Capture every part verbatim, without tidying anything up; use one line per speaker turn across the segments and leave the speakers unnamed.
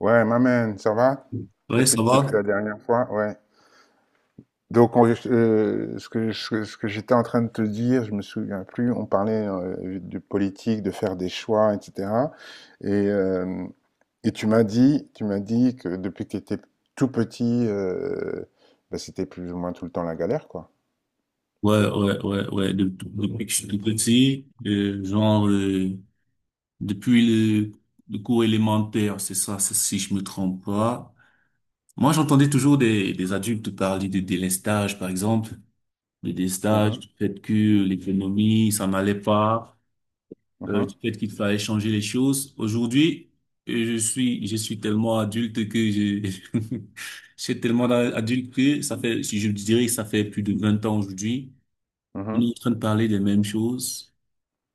Ouais, ma man, ça va?
Ouais,
Depuis,
ça va?
depuis la dernière fois, ouais. Donc, on- euh, ce que, je- ce que j'étais en train de te dire, je me souviens plus, on parlait euh, de politique, de faire des choix, et cétéra. Et, euh, et tu m'as dit, tu m'as dit que depuis que tu étais tout petit, euh, bah, c'était plus ou moins tout le temps la galère, quoi.
Ouais, ouais, ouais, ouais. De- depuis que je suis tout petit, euh, genre, euh, depuis le, le cours élémentaire, c'est ça, c'est- si je me trompe pas. Moi, j'entendais toujours des, des adultes parler de délestage, par exemple, de délestage,
Mhm,
du fait que l'économie, ça n'allait pas, euh, du
mhm,
fait qu'il fallait changer les choses. Aujourd'hui, euh, je suis, je suis tellement adulte que je, je suis tellement adulte que ça fait, si je dirais que ça fait plus de vingt ans aujourd'hui. On est
mhm,
en train de parler des mêmes choses.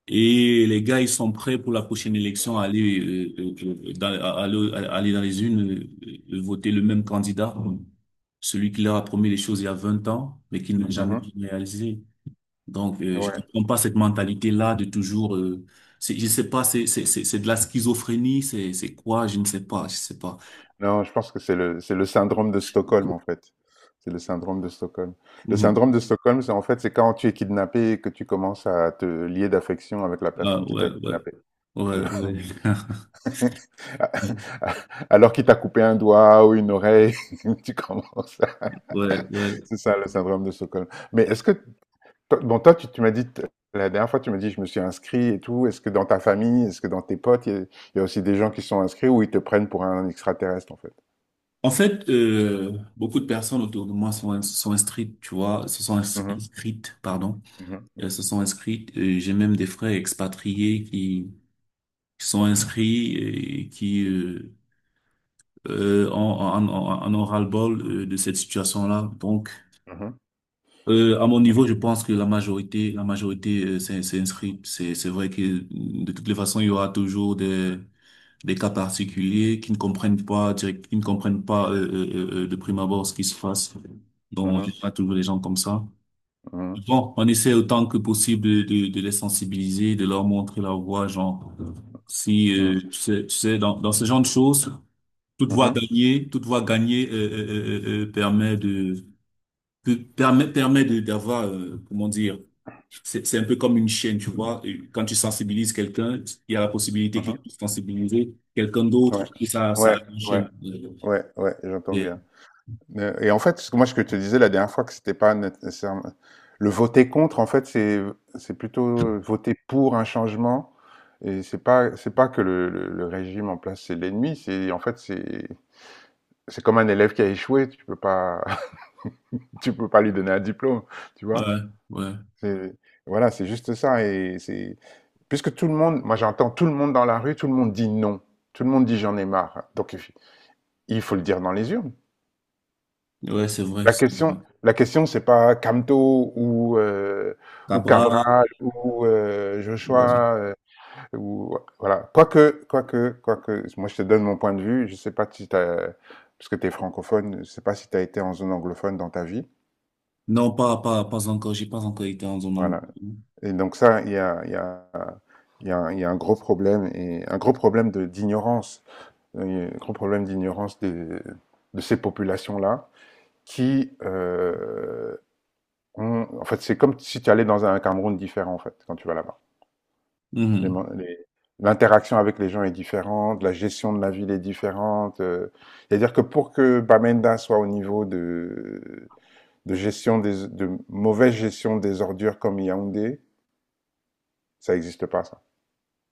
Et les gars, ils sont prêts pour la prochaine élection à aller, euh, euh, euh, dans, à- à- à- à aller dans les urnes, euh, euh, voter le même candidat, celui qui leur a promis les choses il y a vingt ans, mais qui ne l'a jamais réalisé. Donc,
mhm.
euh, je
Ouais.
comprends pas cette mentalité-là de toujours, euh, c'est, je sais pas, c'est, c'est, c'est, c'est de la schizophrénie, c'est, c'est quoi, je ne sais pas, je sais pas.
Non, je pense que c'est le, c'est le syndrome de Stockholm, en fait. C'est le syndrome de Stockholm. Le
Mhm.
syndrome de Stockholm, c'est en fait, c'est quand tu es kidnappé et que tu commences à te lier d'affection avec la
Ah,
personne qui
ouais,
t'a
ouais,
kidnappé. Tu
ouais,
vois.
ouais.
Alors qu'il t'a coupé un doigt ou une oreille, tu commences à
Ouais, ouais.
C'est ça, le syndrome de Stockholm. Mais est-ce que... toi- Bon, toi, tu, tu m'as dit, t- la dernière fois, tu m'as dit, je me suis inscrit et tout. Est-ce que dans ta famille, est-ce que dans tes potes, il y, a il y a aussi des gens qui sont inscrits ou ils te prennent pour un extraterrestre, en fait?
En fait, euh, beaucoup de personnes autour de moi sont, sont inscrites, tu vois, se sont ins-
Mhm,
inscrites, pardon,
mhm,
elles se sont inscrites. Euh, J'ai même des frères expatriés qui, qui sont inscrits et qui euh, euh, en, en, en, en ont ras-le-bol euh, de cette situation-là. Donc, euh, à mon
mhm.
niveau, je pense que la majorité, la majorité euh, s'est s'est inscrite. C'est, c'est vrai que de toutes les façons, il y aura toujours des des cas particuliers qui ne comprennent pas direct, qui ne comprennent pas euh, euh, euh, euh, de prime abord ce qui se passe. Donc, j'ai
Mhm,
pas toujours les gens comme ça.
mhm,
Bon, on essaie autant que possible de, de, de les sensibiliser, de leur montrer la voie, genre, si,
mhm,
euh, tu
mhm.
sais, tu sais, dans, dans ce genre de choses, toute voie
Mmh.
gagnée, toute voie gagnée euh, euh, euh, euh, euh, permet de, que- permet, permet de, d'avoir, euh, comment dire, c'est, c'est un peu comme une chaîne, tu vois. Et quand tu sensibilises quelqu'un, il y a la possibilité qu'il
Mmh.
puisse sensibiliser quelqu'un d'autre
Ouais.
et ça, ça a
Ouais,
une
ouais,
chaîne. Euh,
ouais, ouais, j'entends
et-
bien. Heu et en fait, ce que moi, ce que je te disais la dernière fois que c'était pas né nécessairement le voter contre, en fait, c'est c'est plutôt voter pour un changement et c'est pas c'est pas que le le le régime en place, c'est l'ennemi, c'est en fait, c'est c'est comme un élève qui a échoué, tu peux pas tu peux pas lui donner un diplôme, tu vois?
Ouais, ouais,
C'est voilà, c'est juste ça. Et c'est Puisque tout le monde, moi j'entends tout le monde dans la rue, tout le monde dit non. Tout le monde dit j'en ai marre. Donc il faut le dire dans les urnes.
ouais, c'est vrai.
La
c'est-
question, la question c'est pas Camto, ou, euh, ou
Cabral,
Cabral ou euh,
ouais.
Joshua, euh, ou, voilà. Quoique, quoique, quoique, moi je te donne mon point de vue. Je sais pas si tu parce que tu es francophone, je sais pas si tu as été en zone anglophone dans ta vie.
Non, pas, pas, pas encore. J'ai pas encore été en zone. anglo-
Voilà. Et donc ça, il y a, il y, a, il y, a, il y a un gros problème, et un gros problème de- d'ignorance, un grand problème d'ignorance de ces populations-là, qui euh, ont, en fait, c'est comme si tu allais dans un Cameroun différent, en fait, quand tu vas là-bas. Les-
Mhm.
les- L'interaction avec les gens est différente, la gestion de la ville est différente. euh, C'est-à-dire que pour que Bamenda soit au niveau de, de gestion des, de mauvaise gestion des ordures comme Yaoundé, ça n'existe pas, ça.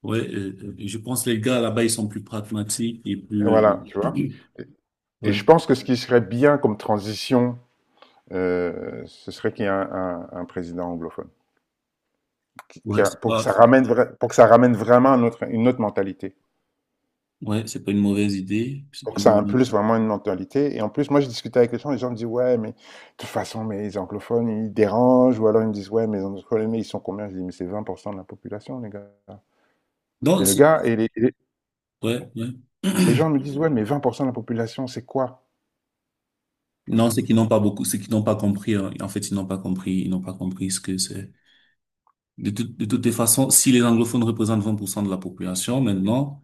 Ouais, euh, euh, je pense que les gars là-bas, ils sont plus pragmatiques et
Et voilà,
plus,
tu vois.
euh,
Et, et
ouais,
je pense que ce qui serait bien comme transition, euh, ce serait qu'il y ait un, un- un président anglophone. Qui- qui
ouais,
a-
c'est
pour, que
pas,
ça
c'est-
ramène vra- pour que ça ramène vraiment un autre- une autre mentalité.
ouais, c'est pas une mauvaise idée. C'est
Pour que
pas une
ça
mauvaise
impulse
idée.
vraiment une mentalité. Et en plus, moi, je discutais avec les gens, les gens, me disent, ouais, mais de toute façon, mais les anglophones, ils dérangent. Ou alors, ils me disent, ouais, mais les anglophones, ils sont combien? Je dis, mais c'est vingt pour cent de la population, les gars.
Non,
Et le
c'est-
gars, et les, les-
ouais, ouais.
les gens me disent, ouais, mais vingt pour cent de la population, c'est quoi?
Non, c'est qu'ils n'ont pas beaucoup, c'est qu'ils n'ont pas compris, hein. En fait, ils n'ont pas compris, ils n'ont pas compris ce que c'est. De tout- de toutes les façons, si les anglophones représentent vingt pour cent de la population maintenant,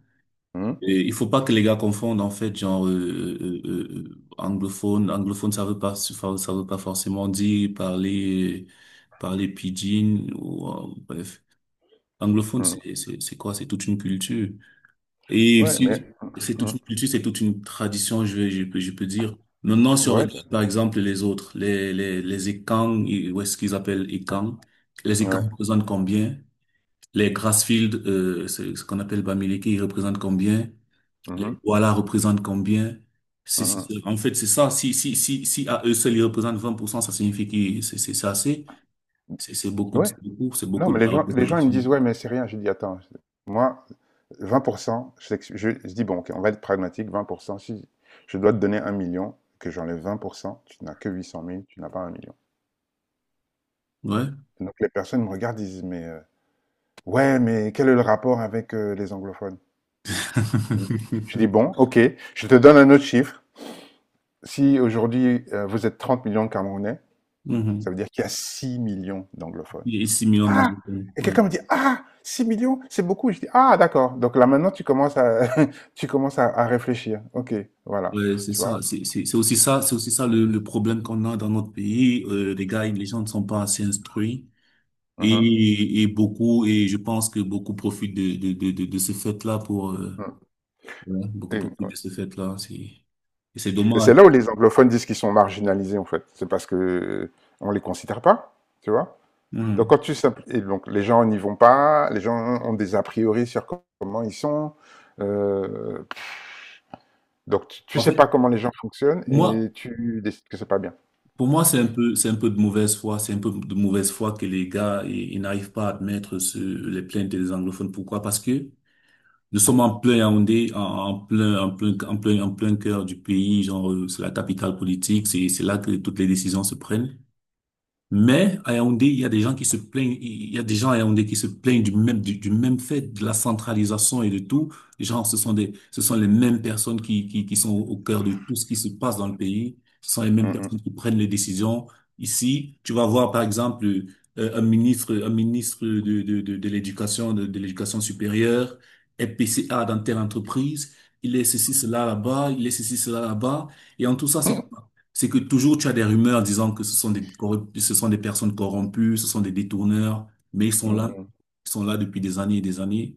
Hum,
et il faut pas que les gars confondent en fait genre euh, euh, euh, euh, anglophone, anglophone ça veut pas ça ça veut pas forcément dire parler parler pidgin ou euh, bref. Anglophone
hum.
c'est c'est c'est quoi? C'est toute une culture. Et
Ouais, mais,
si-
hum,
c'est toute
hum.
une culture, c'est toute une tradition, je vais, je peux, je peux dire. Maintenant, si on
Ouais,
regarde, par exemple, les autres, les, les, les Ekang, et- ou est-ce qu'ils appellent Ekang? Les
ouais,
Ekang représentent combien? Les Grassfield, euh, c'est ce qu'on appelle Bamileke, ils représentent combien? Les
mhm,
Douala représentent combien? C'est, c'est-
mhm.
c'est- en fait, c'est ça. Si, si, si, si à eux seuls, ils représentent vingt pour cent, ça signifie que c'est, c'est c'est assez. C'est, c'est beaucoup, de-
Ouais.
c'est beaucoup, c'est
Non,
beaucoup
mais
de la
les gens, les gens, ils me
représentation.
disent, ouais, mais c'est rien. Je dis, attends, moi, vingt pour cent, je, je, je dis, bon, ok, on va être pragmatique, vingt pour cent, si je dois te donner un million, que j'enlève vingt pour cent, tu n'as que huit cent mille, tu n'as pas un million.
Ouais.
Donc les personnes me regardent, disent, mais euh, ouais, mais quel est le rapport avec euh, les anglophones? Oui. Je dis, bon, ok, je te donne un autre chiffre. Si aujourd'hui, euh, vous êtes trente millions de Camerounais, ça
Mhm.
veut dire qu'il y a six millions d'anglophones.
Il est assimilé en
Ah.
Angleterre.
Et
Ouais.
quelqu'un me dit, ah six millions, c'est beaucoup. Je dis, ah d'accord. Donc là maintenant, tu commences à, tu commences à, à réfléchir. Ok, voilà.
Ouais, c'est
Tu vois.
ça. C'est c'est- c'est aussi ça, c'est aussi ça le, le problème qu'on a dans notre pays. Euh, les gars, les gens ne sont pas assez instruits.
Mhm.
Et, et beaucoup, et je pense que beaucoup profitent de, de, de, de, de ce fait-là pour, euh,
Mhm.
ouais, beaucoup
Et,
profitent
ouais.
de ce fait-là. C'est, et c'est
Et
dommage.
c'est là où les anglophones disent qu'ils sont marginalisés, en fait. C'est parce que euh, on les considère pas, tu vois. Donc
Hmm.
quand tu simpl- et donc les gens n'y vont pas, les gens ont des a priori sur co- comment ils sont. euh, donc tu, tu
En
sais
fait,
pas comment les gens fonctionnent
moi,
et tu décides que c'est pas bien.
pour moi, c'est un peu, c'est un peu de mauvaise foi. C'est un peu de mauvaise foi que les gars, ils, ils n'arrivent pas à admettre ce, les plaintes des anglophones. Pourquoi? Parce que nous sommes en plein Yaoundé, en, en plein, en plein, en plein, en plein cœur du pays, genre, euh, c'est la capitale politique, c'est, c'est là que toutes les décisions se prennent. Mais à Yaoundé, il y a des gens qui se plaignent, il y a des gens à Yaoundé qui se plaignent du même, du, du même fait, de la centralisation et de tout. Genre, ce sont des, ce sont les mêmes personnes qui, qui, qui sont au cœur de tout ce qui se passe dans le pays. Ce sont les mêmes personnes
Mm,
qui prennent les décisions. Ici, tu vas voir, par exemple, euh, un ministre, un ministre de, de, de, de l'éducation, de, de l'éducation supérieure, est P C A dans telle entreprise. Il est ceci, cela là-bas, il est ceci, cela là-bas. Et en tout ça, c'est c'est que toujours tu as des rumeurs disant que ce sont des corrup- ce sont des personnes corrompues, ce sont des détourneurs, mais ils
mm,
sont
mm,
là,
mm.
ils sont là depuis des années et des années.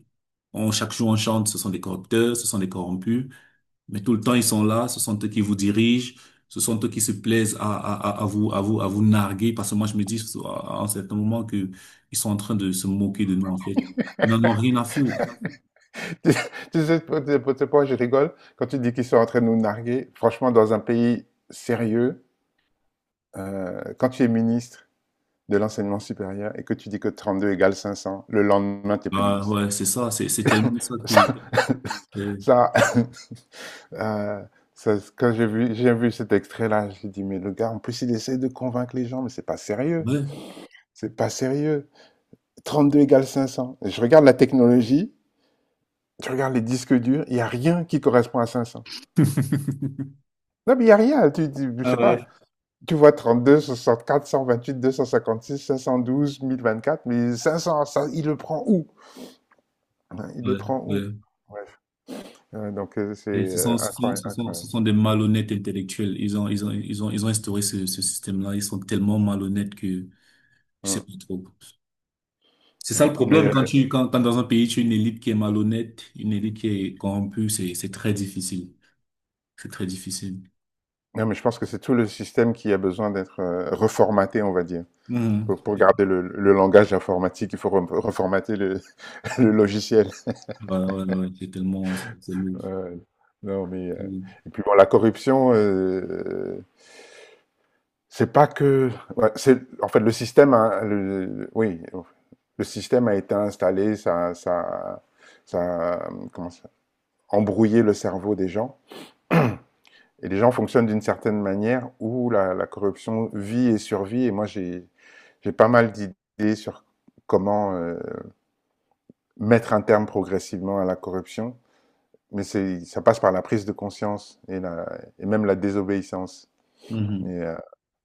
On, chaque jour on chante, ce sont des corrupteurs, ce sont des corrompus, mais tout le temps ils sont là, ce sont eux qui vous dirigent, ce sont eux qui se plaisent à, à, à à vous, à vous, à vous narguer, parce que moi je me dis à à un certain moment que ils sont en train de se moquer de nous en fait. Ils n'en ont rien à foutre.
Tu sais pas tu sais pas- je rigole quand tu dis qu'ils sont en train de nous narguer. Franchement, dans un pays sérieux, euh, quand tu es ministre de l'enseignement supérieur et que tu dis que trente-deux égale cinq cents le lendemain, tu n'es plus
Ah
ministre.
ouais, c'est ça, c'est c'est tellement ça
Ça,
que euh,
ça, euh, ça, quand j'ai vu, j'ai vu, cet extrait-là, j'ai dit, mais le gars, en plus, il essaie de convaincre les gens, mais c'est pas sérieux.
ouais.
C'est pas sérieux. Trente-deux égale cinq cents. Et je regarde la technologie, je regarde les disques durs, il n'y a rien qui correspond à cinq cents. Non, mais il n'y a rien. Tu, tu, je
Ah
sais pas.
ouais.
Tu vois, trente-deux, deux cent, cent soixante quatre, vingt-huit, deux cent cinquante-six, cinq cent douze, mille vingt-quatre, mais cinq cents, ça, il le prend où? Il le
Ouais,
prend où?
ouais.
Ouais, donc heu, c'est,
Et ce
heu,
sont, ce sont,
incroyable,
ce sont, ce
incroyable.
sont des malhonnêtes intellectuels. Ils ont, ils ont, ils ont, ils ont instauré ce, ce système-là. Ils sont tellement malhonnêtes que je sais
Mmh,
pas trop. C'est ça le
mmh. Mais
problème quand
heu,
tu, quand, quand dans un pays, tu as une élite qui est malhonnête, une élite qui est corrompue, c'est, c'est très difficile. C'est très difficile.
non, mais je pense que c'est tout le système qui a besoin d'être, heu, reformaté, on va dire.
Mhm.
Pour pour garder le le langage informatique, il faut re reformater le le logiciel.
Voilà, ouais, ouais, ouais. C'est tellement, c'est c'est
Ouais,
lourd.
ouais. Non, mais heu et puis bon, la corruption, heu, c'est pas que, ouais, c'est en fait, le système a le le- oui, le système a été installé, ça ça ça, mmh, comment ça? Embrouillé le cerveau des gens. Et les gens fonctionnent d'une certaine manière où la, la corruption vit et survit. Et moi, j'ai j'ai pas mal d'idées sur comment euh, mettre un terme progressivement à la corruption. Mais ça passe par la prise de conscience et, la, et même la désobéissance.
Mhm.
Mais, heu,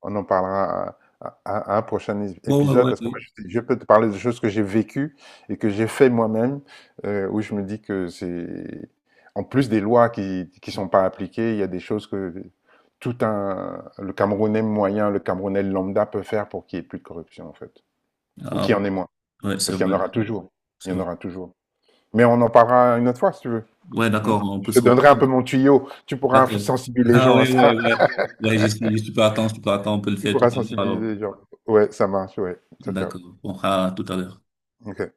on en parlera à à à un prochain ép
Ouais,
épisode,
ouais,
parce que moi
ouais.
je je peux te parler de choses que j'ai vécues et que j'ai fait moi-même, heu, où je me dis que c'est en plus des lois qui qui sont pas appliquées, il y a des choses que tout un le Camerounais moyen, le Camerounais lambda peut faire pour qu'il y ait plus de corruption en fait, ou
Ah,
qu'il y
ouais.
en ait moins.
Ouais, c'est
Parce qu'il y en
vrai.
aura toujours, il
C'est
y en
vrai.
aura toujours. Mais on en parlera une autre fois si tu veux,
Ouais,
mmh?
d'accord, on peut
Je
se
te donnerai un
reprendre.
peu mon tuyau, tu pourras
D'accord.
sensibiliser les
Ah
gens à
ouais, ouais,
ça.
ouais. Ouais, j'y suis, j'y suis pas attendre, je peux attendre, on peut le
Tu
faire tout à
pourras
l'heure alors.
sensibiliser les gens. Ouais, ça marche, ouais. Ciao, ciao.
D'accord. On fera tout à l'heure.
Ok.